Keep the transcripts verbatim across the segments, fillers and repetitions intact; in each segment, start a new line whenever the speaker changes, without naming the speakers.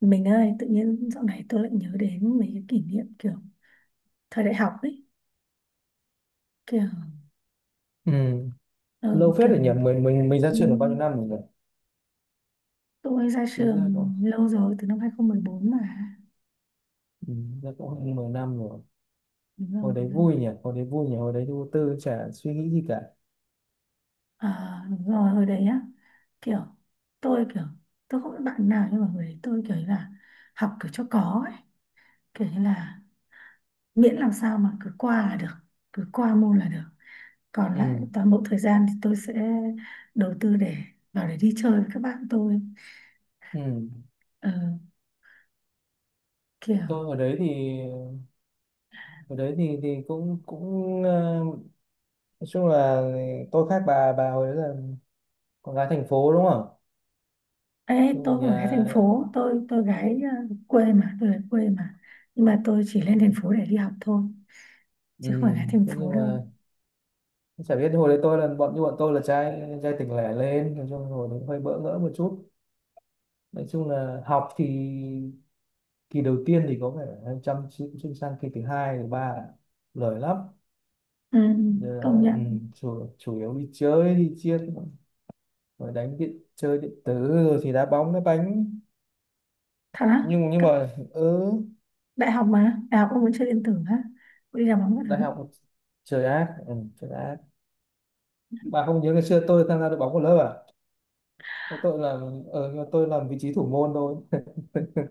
Mình ơi, tự nhiên dạo này tôi lại nhớ đến mấy cái kỷ niệm kiểu thời đại học ấy, kiểu
Ừ.
ờ,
Lâu phết
kiểu
rồi nhỉ, mình mình mình ra trường được bao nhiêu
ừm,
năm rồi nhỉ?
tôi ra
Tính ra
trường
cũng,
lâu rồi từ năm hai không một bốn mà.
ừ, ra cũng hơn mười năm rồi.
Đúng rồi.
Hồi đấy vui nhỉ, hồi đấy vui nhỉ, hồi đấy vô tư chả suy nghĩ gì cả.
À, đúng rồi, hồi đấy á, kiểu tôi kiểu tôi không biết bạn nào nhưng mà hồi đấy tôi kiểu như là học kiểu cho có ấy, kiểu như là miễn làm sao mà cứ qua là được, cứ qua môn là được. Còn lại
Ừ.
toàn bộ thời gian thì tôi sẽ đầu tư để vào để đi chơi với các bạn tôi.
Ừ.
Ờ, kiểu
Tôi hồi đấy thì, hồi đấy thì thì cũng cũng ờ, nói chung là tôi khác bà bà hồi đấy là con gái thành phố đúng không ạ?
Ê,
Chung là
tôi không phải gái thành
nhà.
phố, tôi tôi gái ờ, quê mà, tôi là quê mà, nhưng mà tôi chỉ lên thành phố để đi học thôi
Ừ.
chứ không phải gái thành
Thế
phố
nhưng
đâu.
mà chả biết hồi đấy tôi là bọn, như bọn tôi là trai trai tỉnh lẻ lên, nói chung hồi đấy hơi bỡ ngỡ một chút. Nói chung là học thì kỳ đầu tiên thì có vẻ em chăm chỉ, cũng sang kỳ thứ hai thứ ba là lười lắm.
Ừ,
Ờ,
công
ừ,
nhận.
chủ, chủ yếu đi chơi đi chiên rồi đánh điện chơi điện tử rồi thì đá bóng đá bánh.
Thật á?
Nhưng nhưng
Cấp
mà, ừ,
đại học mà, đại học ông vẫn chơi điện tử á? Ông đi làm bóng các
đại
thứ,
học. Trời ác. ừ, Trời ác. Bà không nhớ ngày xưa tôi tham gia đội bóng của lớp à? Tôi làm, ờ, nhưng mà tôi làm vị trí thủ môn thôi.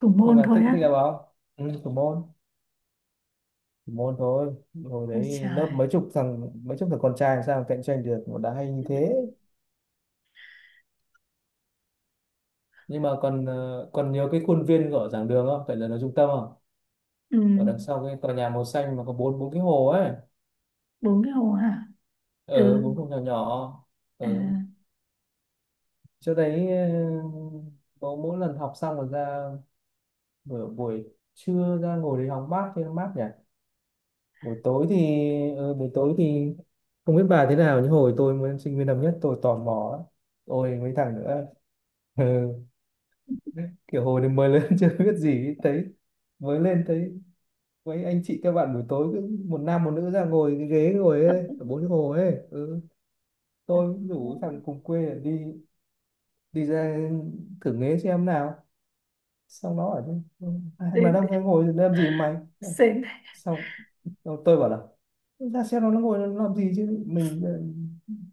thủ
Nhưng
môn
mà
thôi
thích thích
á?
đá bóng. Ừ, thủ môn. Thủ môn thôi. Hồi
Ôi
đấy lớp
trời.
mấy chục thằng, mấy chục thằng con trai làm sao mà cạnh tranh được mà đá hay như thế. Nhưng mà còn, ờ, còn nhớ cái khuôn viên của giảng đường không, phải là nó trung tâm không,
Ừ,
ở đằng sau cái tòa nhà màu xanh mà có bốn bốn cái hồ ấy?
bốn cái hồ hả?
Ở
Từ
bốn hồ nhỏ nhỏ.
à,
Ở chỗ đấy, ờ, bố mỗi lần học xong rồi ra buổi, buổi trưa ra ngồi đấy hóng mát cho nó mát nhỉ. Buổi tối thì, ờ, buổi tối thì không biết bà thế nào nhưng hồi tôi mới sinh viên năm nhất tôi tò mò lắm. Ôi, mấy thằng nữa. Ừ. Kiểu hồi đấy mới lên chưa biết gì, thấy mới lên thấy mấy anh chị các bạn buổi tối cứ một nam một nữ ra ngồi cái ghế ngồi ấy, ở bốn cái hồ ấy. Ừ. Tôi cũng rủ thằng cùng quê đi, đi ra thử nghế xem nào. Xong nó ở chứ: "Ừ, hai thằng đàn
đến
ông ấy ngồi làm gì mày?".
sến.
Xong tôi bảo là ra xem nó, nó ngồi nó làm gì chứ, mình, ờ,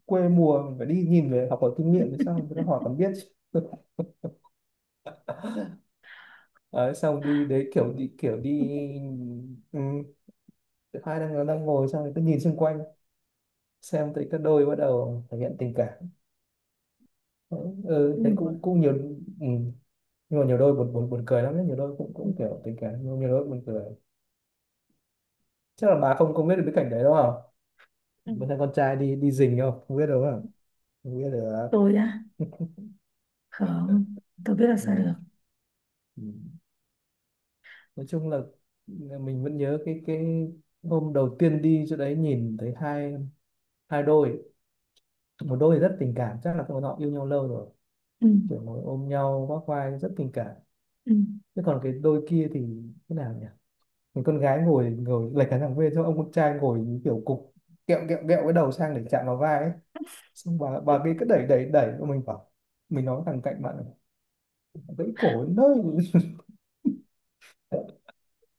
quê mùa mình phải đi nhìn về học hỏi kinh nghiệm để sao người ta hỏi còn biết chứ. Đấy, xong đi đấy, kiểu đi, kiểu đi. ừ, Hai đang đang ngồi xong người ta nhìn xung quanh, xem thấy các đôi bắt đầu thể hiện tình cảm. Ừ, thấy
Được rồi,
cũng cũng nhiều. Ừ. Nhưng mà nhiều đôi buồn buồn buồn cười lắm đấy, nhiều đôi cũng
đủ
cũng
rồi.
kiểu tình cảm nhưng mà nhiều đôi buồn cười. Chắc là bà không không biết được cái cảnh đấy đúng không?
Ừ.
Bạn thấy con trai đi đi rình không không biết đâu không? Không biết được.
Tôi á? Không tôi biết là sao được.
Ừ. Ừ. Nói chung là mình vẫn nhớ cái, cái hôm đầu tiên đi chỗ đấy nhìn thấy hai, hai đôi. Một đôi thì rất tình cảm, chắc là bọn họ yêu nhau lâu rồi,
Ừ.
kiểu ngồi ôm nhau vác vai rất tình cảm.
Ừ.
Thế còn cái đôi kia thì thế nào nhỉ, mình con gái ngồi, ngồi lệch cả thằng bên cho ông con trai ngồi kiểu cục kẹo kẹo kẹo cái đầu sang để chạm vào vai ấy. Xong bà bà kia cứ đẩy đẩy đẩy. Xong mình bảo mình nói thằng cạnh bạn là, gãy cổ đến nơi.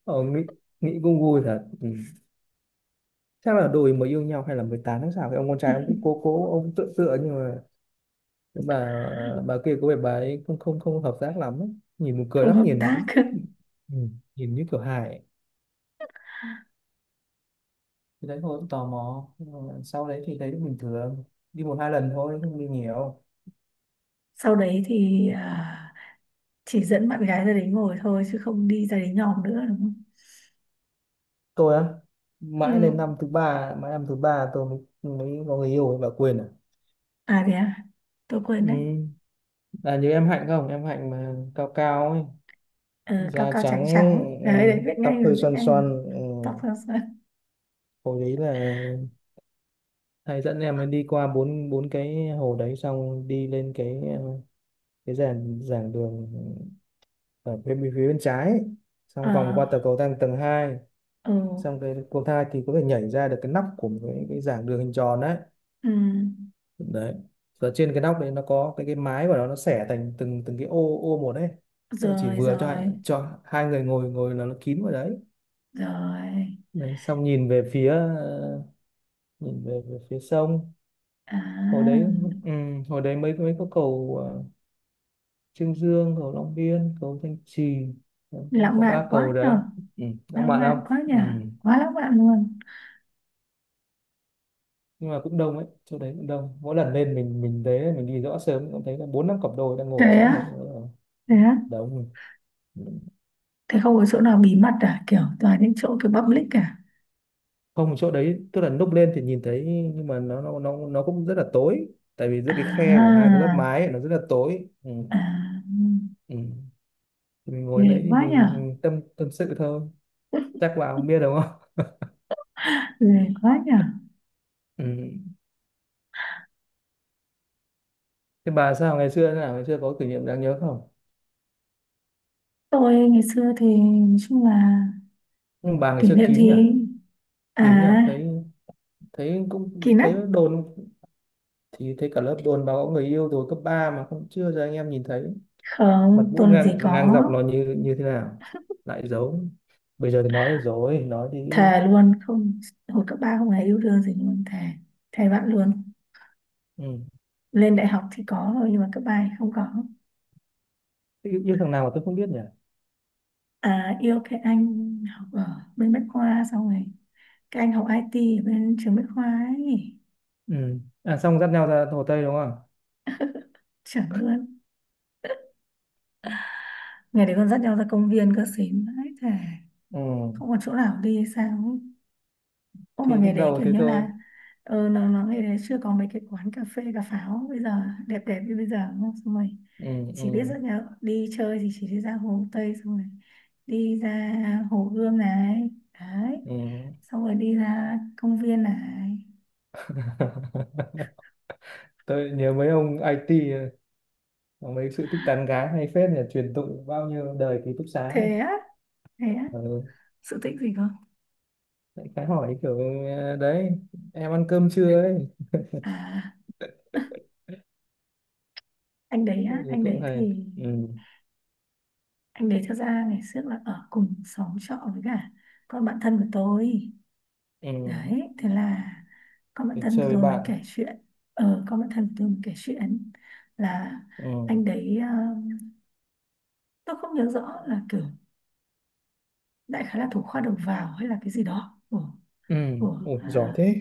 ờ, Nghĩ, nghĩ cũng vui thật. Ừ. Chắc là đôi mới yêu nhau hay là mới tán tháng sau, cái ông con trai ông cũng cố, cố ông tựa tựa nhưng mà cái bà, ờ, bà kia có vẻ bà ấy không không không hợp tác lắm ấy. Nhìn buồn cười
không
lắm,
hợp
nhìn
tác.
đúng. Ừ. Nhìn như kiểu hài ấy. Thì đấy thôi cũng tò mò. Nhưng mà sau đấy thì thấy cũng bình thường, đi một hai lần thôi không đi nhiều.
Sau đấy thì à, chỉ dẫn bạn gái ra đấy ngồi thôi chứ không đi ra đấy nhòm nữa đúng không?
Tôi á, mãi
Ừ.
đến năm thứ ba, mãi năm thứ ba tôi mới, mới có người yêu, bà Quyền à.
À thế à? Tôi quên đấy.
Ừ. Là như em Hạnh không, em Hạnh mà cao cao ấy,
Ờ, cao
da
cao
trắng.
trắng trắng
Ừ,
đấy, đấy biết
tóc
ngay rồi,
hơi
biết
xoăn
ngay rồi.
xoăn. Ừ.
Tóc sao sao?
Hồi đấy là thầy dẫn em ấy đi qua bốn bốn cái hồ đấy, xong đi lên cái, ờ, cái giảng giảng đường ở bên bên phía bên trái ấy. Xong
Ờ.
vòng qua tờ cầu thang tầng hai,
Ừ,
xong cái cầu thang thì có thể nhảy ra được cái nóc của cái, cái giảng đường hình tròn đấy.
ừ.
Đấy, và trên cái nóc đấy nó có cái cái mái của nó nó xẻ thành từng từng cái ô ô một đấy. Tức là chỉ
Rồi
vừa cho hai-
rồi
cho hai người ngồi ngồi là nó kín vào đấy.
rồi.
Đấy, xong nhìn về phía, ờ, nhìn về, về phía sông. Hồi đấy,
À,
ừ, hồi đấy mấy mấy có cầu, ờ, Trương Dương, cầu Long Biên, cầu Thanh Trì. Đấy,
lãng
có
mạn
ba cầu
quá
đấy.
nhở.
Ừ, lãng
Lãng
mạn không.
mạn quá
Ừ.
nhở, quá lãng mạn luôn.
Nhưng mà cũng đông ấy, chỗ đấy cũng đông, mỗi lần lên mình mình thấy mình đi rõ sớm cũng thấy là bốn năm cặp đôi đang ngồi
Thế
sẵn đấy.
á?
Ờ,
Thế á?
Đông.
Thế không có chỗ nào bí mật à, kiểu toàn những chỗ kiểu public cả?
Không, chỗ đấy tức là núp lên thì nhìn thấy, nhưng mà nó nó nó nó cũng rất là tối, tại vì giữa
À,
cái khe của hai cái lớp mái ấy, nó rất là tối. Ừ.
à.
Ừ. Thì mình ngồi
Ghê
đấy thì
quá nhở,
mình tâm tâm sự thôi. Chắc bà không biết đúng không.
ghê quá nhở.
Ừ. Thế bà sao ngày xưa thế nào, ngày xưa có kỷ niệm đáng nhớ không?
Tôi ngày xưa thì nói chung là
Nhưng bà ngày
kỷ
xưa
niệm
kín nhỉ,
gì? À,
kín nhỉ, thấy, thấy cũng
kỳ nách.
thấy đồn, thì thấy cả lớp đồn bà có người yêu rồi cấp ba mà không, chưa cho anh em nhìn thấy mặt
Không,
mũi
tôi làm
ngang
gì có.
ngang dọc nó như như thế nào. Lại giấu. Bây giờ thì nói được rồi, nói đi.
Thề luôn, không, hồi cấp ba không hề yêu đương gì luôn, thề. Thề bạn luôn.
Ừ.
Lên đại học thì có rồi, nhưng mà cấp ba thì không có.
Yêu, yêu thằng nào mà tôi không biết nhỉ.
À, yêu cái anh học ở bên Bách Khoa xong rồi. Cái anh học i tê ở bên trường Bách Khoa ấy.
Ừ. À, xong dắt nhau ra Hồ Tây đúng không.
Chuẩn luôn. Ngày đấy còn dắt nhau ra công viên cơ xín. Đấy, thề.
Ừ.
Không còn chỗ nào đi hay sao ấy. Ô mà
Thì
ngày
lúc
đấy
đầu
kiểu
thì
như
tôi.
là ờ nó nó ngày đấy chưa có mấy cái quán cà phê cà pháo bây giờ đẹp đẹp như bây giờ đúng không? Xong rồi
Ừ.
chỉ biết rất
Ừ.
là đi chơi thì chỉ đi ra Hồ Tây, xong rồi đi ra Hồ Gươm này, đấy,
Ừ.
xong rồi đi ra công viên này.
Tôi nhớ mấy ông i tê có mấy sự thích tán gái hay phết nhỉ, truyền tụng bao nhiêu đời ký túc xá.
Thế á? Thế á?
Ừ.
Sự tích gì không?
Lại cái hỏi kiểu: "Ờ, đấy, em ăn cơm chưa ấy".
À, anh đấy á,
Rồi
anh
cũng
đấy
hay.
thì
Ừ.
anh đấy thật ra ngày trước là ở cùng xóm trọ với cả con bạn thân của tôi.
Ừ.
Đấy thế là con bạn
Để
thân
chơi
của
với
tôi mới
bạn.
kể chuyện, ờ con bạn thân của tôi mới kể chuyện là
Ừ.
anh đấy ờ, tôi không nhớ rõ là kiểu đại khái là thủ khoa đầu vào hay là cái gì đó của
Ừ.
của
Ủa, giỏi
à,
thế.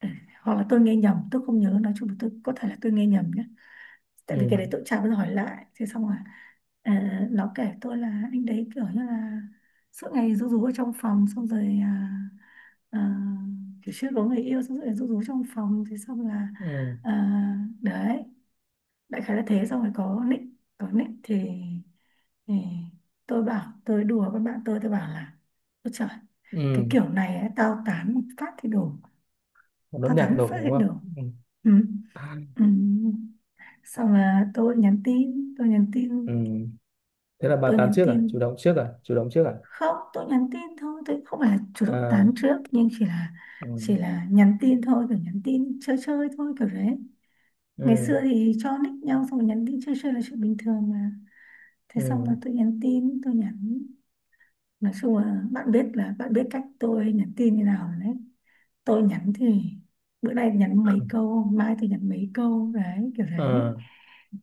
Ừ, hoặc là tôi nghe nhầm, tôi không nhớ, nói chung là tôi có thể là tôi nghe nhầm nhé, tại vì cái
Ừ.
đấy tôi chả bao giờ hỏi lại. Thế xong rồi à, nó kể tôi là anh đấy kiểu như là suốt ngày rú rú ở trong phòng xong rồi à, à, kiểu chưa có người yêu xong rồi rú rú trong phòng. Thế xong là
Ừ.
à, đấy, đại khái là thế. Xong rồi có nick, có nick thì, thì tôi bảo, tôi đùa với bạn tôi tôi bảo là ôi trời cái
Ừ.
kiểu này ấy, tao tán một phát thì đủ
Một nốt
tao tán
nhạc
một
đổ
phát thì
đúng
đủ.
không. Ừ.
Ừ. Ừ. Xong là tôi nhắn tin tôi nhắn
Ừ.
tin
Thế là bà
tôi
tán
nhắn
trước à, chủ
tin.
động trước à, chủ động trước à
Không, tôi nhắn tin thôi, tôi không phải là chủ động
à
tán trước, nhưng chỉ là
ừ.
chỉ là nhắn tin thôi, kiểu nhắn tin chơi chơi thôi kiểu đấy. Ngày
Ừ.
xưa thì cho nick nhau xong rồi nhắn tin chơi chơi là chuyện bình thường mà. Thế xong là
Ừ.
tôi nhắn tin tôi nhắn, nói chung là bạn biết, là bạn biết cách tôi nhắn tin như nào rồi đấy. Tôi nhắn thì bữa nay nhắn mấy câu, mai tôi nhắn mấy câu, đấy kiểu đấy.
Ờ.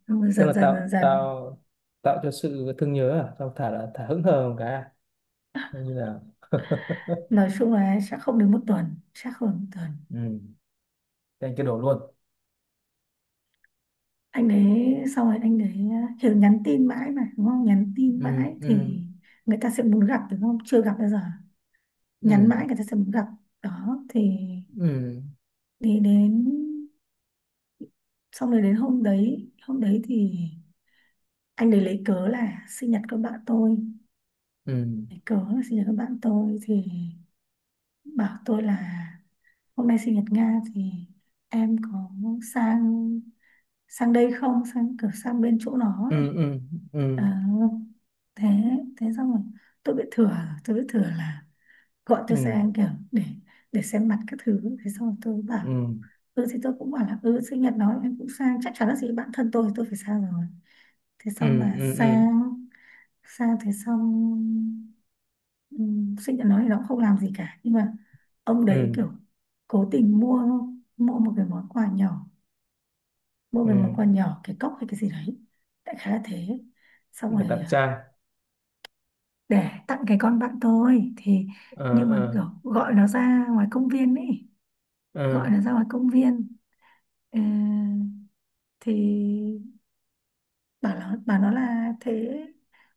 Ừ,
Tức là
dần dần dần
tạo
dần
tạo tạo cho sự thương nhớ à, xong thả là thả hững hờ một cái à? Giống như là,
nói chung là chắc không đến một tuần, chắc không đến một tuần.
ừ, thế anh cứ đổ luôn.
Anh đấy xong rồi anh đấy à, kiểu nhắn tin mãi mà đúng không, nhắn tin
Ừ.
mãi
Ừ.
thì người ta sẽ muốn gặp đúng không, chưa gặp bao giờ, nhắn
Ừ.
mãi người ta sẽ muốn gặp. Đó thì
Ừ.
đi đến xong rồi, đến hôm đấy, hôm đấy thì anh đấy lấy cớ là sinh nhật con bạn tôi,
Ừ.
lấy cớ là sinh nhật con bạn tôi thì bảo tôi là hôm nay sinh nhật Nga thì em có sang, sang đây không, sang kiểu sang bên chỗ nó
Ừ.
ấy.
Ừ.
Ờ, thế thế xong rồi tôi bị thừa, tôi bị thừa là gọi cho
Ừ.
xe anh kiểu để để xem mặt các thứ. Thế xong rồi tôi bảo
Ừ.
ừ, thì tôi cũng bảo là ừ sinh nhật nó em cũng sang, chắc chắn là gì, bạn thân tôi tôi phải sang rồi. Thế
Ừ.
xong
Ừ.
là
Ừ. Ừ. Ừ.
sang, sang thế xong ừ, Sách nhận nói thì nó cũng không làm gì cả nhưng mà ông đấy
Ừ.
kiểu cố tình mua, mua một cái món quà nhỏ, mua cái món
Ừ.
quà nhỏ, cái cốc hay cái gì đấy đại khái là thế. Xong
Để
rồi
tặng
à,
trai.
để tặng cái con bạn tôi thì
Ờ.
nhưng mà
Ờ.
kiểu gọi nó ra ngoài công viên ấy,
Ờ.
gọi nó ra ngoài công viên. Ờ, thì bảo nó, bảo nó là thế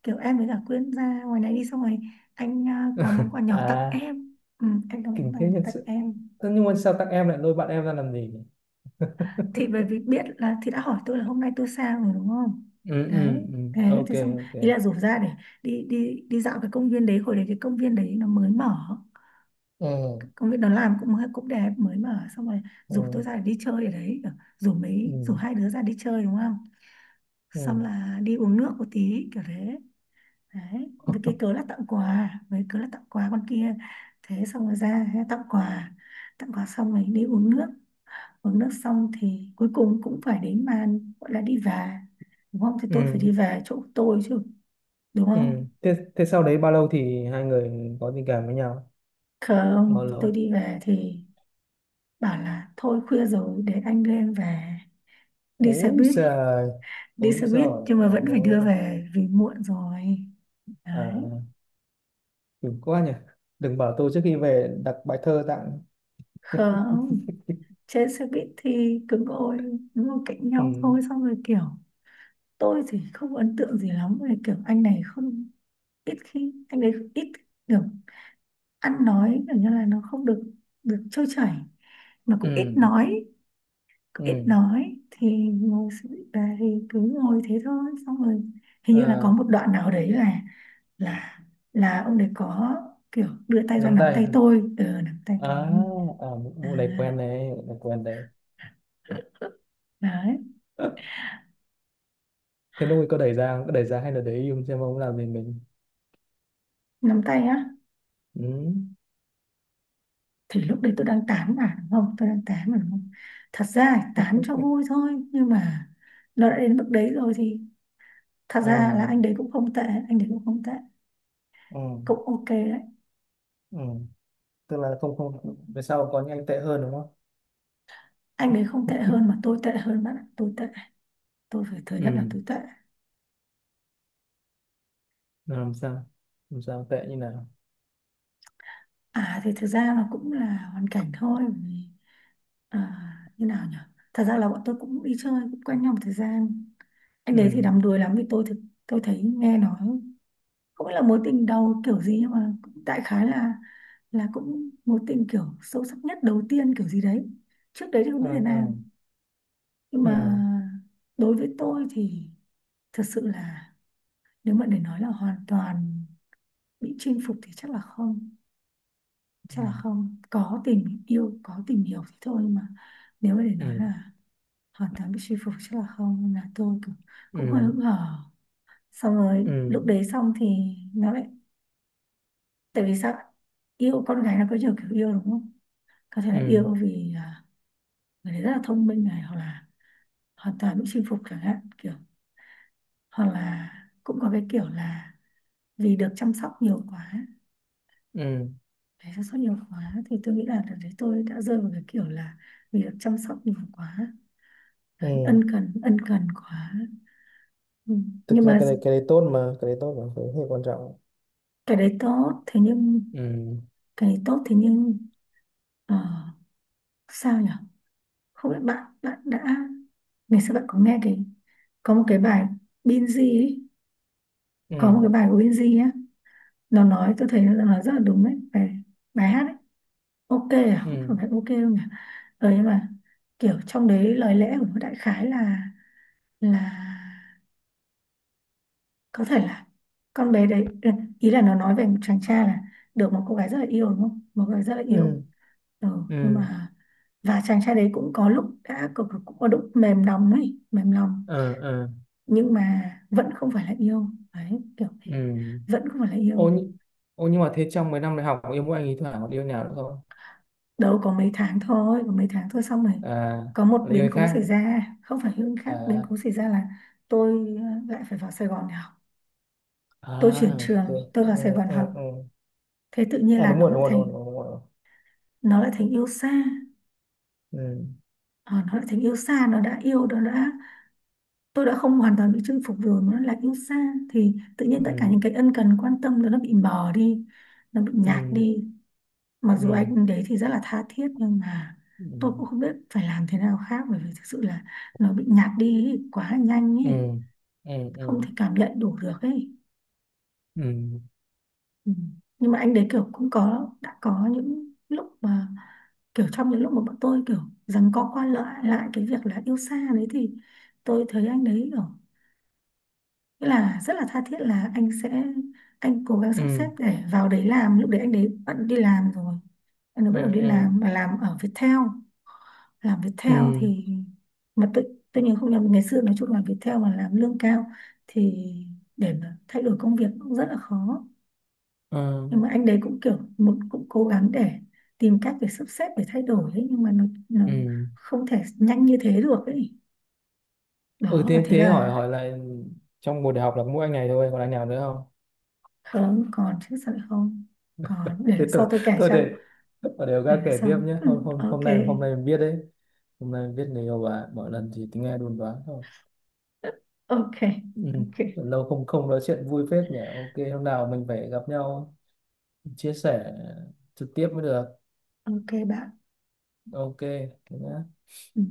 kiểu em với cả Quyên ra ngoài này đi, xong rồi anh à, có món quà nhỏ tặng
À,
em, ừ, anh có món
kinh
quà
thế
nhỏ
thật
tặng
sự.
em.
Thế nhưng mà sao tặng em lại lôi bạn em ra làm gì nhỉ?
Thì bởi vì biết là thì đã hỏi tôi là hôm nay tôi sao rồi đúng không.
Ừ.
Đấy
Ừ. Ừ.
thế
Ok.
thì xong, ý
Ok.
là rủ ra để đi, đi đi dạo cái công viên đấy, hồi đấy cái công viên đấy nó mới mở,
Ừ.
công viên nó làm cũng cũng đẹp mới mở xong rồi
Ừ.
rủ tôi ra để đi chơi ở đấy kiểu, rủ
Ừ.
mấy rủ hai đứa ra đi chơi đúng không,
Ừ.
xong là đi uống nước một tí kiểu thế. Đấy với cái cớ là tặng quà, với cớ là tặng quà con kia. Thế xong rồi ra tặng quà, tặng quà xong rồi đi uống nước, uống nước xong thì cuối cùng cũng phải đến màn gọi là đi về đúng không, thì tôi phải đi
Ừ.
về chỗ tôi chứ đúng
Ừ.
không.
thế Thế sau đấy bao lâu thì hai người có tình cảm với nhau, bao
Không, tôi
lâu?
đi về thì bảo là thôi khuya rồi để anh đưa em về, đi xe
Ôi
buýt,
trời.
đi
Ôi
xe buýt
giời.
nhưng mà vẫn phải đưa
Ôi.
về vì muộn rồi. Đấy,
À, đừng quá nhỉ. Đừng bảo tôi trước khi về đặt bài thơ tặng.
không, trên xe buýt thì cứ ngồi, ngồi cạnh
Ừ.
nhau thôi xong rồi kiểu tôi thì không ấn tượng gì lắm về kiểu anh này, không ít khi anh ấy ít kiểu ăn nói kiểu như là nó không được được trôi chảy, mà
Ừ.
cũng ít nói. Ít
Ừ.
nói thì ngồi sự- bà thì cứ ngồi thế thôi xong rồi hình như là
À,
có một đoạn nào đấy là là là ông đấy có kiểu đưa tay ra
nắm
nắm
tay.
tay tôi, ừ, nắm tay tôi.
À, à,
À,
vụ này quen đấy, vụ này quen đấy.
đấy.
Thế lúc ấy có đẩy ra, có đẩy ra hay là để im xem ông làm gì mình?
Nắm tay á?
Ừ.
Thì lúc đấy tôi đang tán mà đúng không, tôi đang tán mà đúng không thật ra tán cho vui thôi nhưng mà nó đã đến mức đấy rồi thì thật
Ừ.
ra là anh đấy cũng không tệ, anh đấy cũng không tệ
Ừ,
cũng ok đấy.
ừ. Tức là không, không về sau có những anh tệ hơn đúng không.
Anh ấy không tệ hơn mà tôi tệ hơn bạn ạ. Tôi tệ, tôi phải thừa nhận là
Ừ.
tôi tệ.
Là làm sao, làm sao tệ như nào?
À thì thực ra nó cũng là hoàn cảnh thôi. Bởi vì, à, như nào nhỉ, thật ra là bọn tôi cũng đi chơi cũng quen nhau một thời gian. Anh đấy thì
Ừ.
đắm đuối lắm vì tôi thực, tôi thấy nghe nói không phải là mối tình đầu kiểu gì nhưng mà cũng đại khái là là cũng mối tình kiểu sâu sắc nhất đầu tiên kiểu gì đấy, trước đấy thì không
Ừ.
biết thế
Ừ.
nào. Nhưng mà
Ừ.
đối với tôi thì thật sự là nếu mà để nói là hoàn toàn bị chinh phục thì chắc là không, chắc là không có tình yêu có tình hiểu thì thôi mà, nếu mà để nói
Ừ.
là hoàn toàn bị chinh phục chắc là không. Nên là tôi cũng, cũng hơi
Ừ.
hững hờ. Xong rồi
Ừ.
lúc đấy xong thì nó lại, tại vì sao, yêu con gái nó có nhiều kiểu yêu đúng không, có thể
Ừ.
là
Ừ.
yêu vì à, người đấy rất là thông minh này, hoặc là hoàn toàn bị chinh phục chẳng hạn kiểu, hoặc là cũng có cái kiểu là vì được chăm sóc nhiều quá.
Ừ.
Đấy, chăm sóc nhiều quá thì tôi nghĩ là đợt đấy tôi đã rơi vào cái kiểu là vì được chăm sóc nhiều quá, đấy,
Ừ.
ân cần ân cần quá. Ừ.
Thực
Nhưng
ra
mà
cái đấy cái đấy tốt mà, cái đấy tốt mà, cái đấy hơi quan trọng.
cái đấy tốt thế nhưng
Ừ.
cái đấy tốt thế nhưng ờ, sao nhỉ, không biết bạn bạn đã, ngày xưa bạn có nghe cái, có một cái bài Binz ấy,
Ừ.
có một cái bài của Binz á, nó nói tôi thấy nó nói rất là đúng đấy bài, bài hát ấy. Ok à?
Ừ.
Không phải ok đâu nhỉ. Ừ, nhưng mà kiểu trong đấy lời lẽ của nó đại khái là là có thể là con bé đấy ừ, ý là nó nói về một chàng trai là được một cô gái rất là yêu đúng không, một cô gái rất là yêu,
Ừ.
ừ, nhưng
Ừ.
mà và chàng trai đấy cũng có lúc đã cũng, cũng có lúc mềm lòng ấy, mềm lòng
Ờ. Ờ.
nhưng mà vẫn không phải là yêu, đấy kiểu
Ừ.
vẫn không phải là yêu.
ô nhưng Ô nhưng mà thế trong mấy năm đại học yêu mỗi anh ý, thoảng có yêu nào nữa không?
Đâu có mấy tháng thôi, có mấy tháng thôi xong rồi
À,
có một
là yêu
biến
anh
cố xảy
khác
ra, không phải Hưng khác, biến
à.
cố xảy ra là tôi ờ, lại phải vào Sài Gòn để học,
à
tôi chuyển
ok.
trường, tôi vào Sài
Ừ,
Gòn
ừ,
học.
ừ.
Thế tự nhiên
À,
là
đúng
nó
rồi,
lại
đúng rồi, đúng
thành,
rồi, đúng rồi, đúng rồi.
nó lại thành yêu xa.
Ừ,
Ờ, nó lại thành yêu xa, nó đã yêu nó đã, tôi đã không hoàn toàn bị chinh phục rồi mà nó lại yêu xa, thì tự nhiên tất cả
ừ,
những cái ân cần quan tâm nó nó bị mờ đi, nó bị nhạt
ừ,
đi. Mặc dù
ừ,
anh đấy thì rất là tha thiết nhưng mà tôi cũng không biết phải làm thế nào khác, bởi vì thực sự là nó bị nhạt đi ý, quá nhanh
ừ,
ý,
ừ, ừ,
không
ừ,
thể cảm nhận đủ được ấy.
ừ,
Ừ. Nhưng mà anh đấy kiểu cũng có đã có những lúc mà kiểu trong những lúc mà bọn tôi kiểu rằng co qua lại lại cái việc là yêu xa đấy thì tôi thấy anh đấy kiểu nghĩa là rất là tha thiết là anh sẽ, anh cố gắng sắp xếp
ừ,
để vào đấy làm, lúc đấy anh đấy bận đi làm rồi, anh ấy bắt đầu
ừ,
đi
ừ,
làm và làm ở Viettel. Làm
ừ,
Viettel thì mà tự, tôi nhớ không nhầm ngày xưa nói chung là Viettel mà làm lương cao thì để mà thay đổi công việc cũng rất là khó,
ờ,
nhưng mà anh đấy cũng kiểu muốn cũng cố gắng để tìm cách để sắp xếp để thay đổi ấy, nhưng mà nó nó
ừ.
không thể nhanh như thế được ấy.
Ừ,
Đó và
thế
thế
thế
là
hỏi hỏi lại, trong một đại học là có mỗi anh này thôi còn anh nào nữa không?
không, còn chứ sao lại không còn, để
Thế
lần sau
tôi,
tôi kể
tôi
cho,
để ở đều
để
ra
lần
kể tiếp
sau
nhé. Hôm
ừ,
hôm hôm
ok.
nay hôm nay mình biết đấy, hôm nay mình biết người yêu bà mỗi lần thì tính nghe đồn đoán.
Ok.
Ừ.
Ok
Lâu không không nói chuyện vui phết nhỉ. Ok, hôm nào mình phải gặp nhau chia sẻ trực tiếp mới được.
ok bạn.
Ok, thế nhá.
Ừ.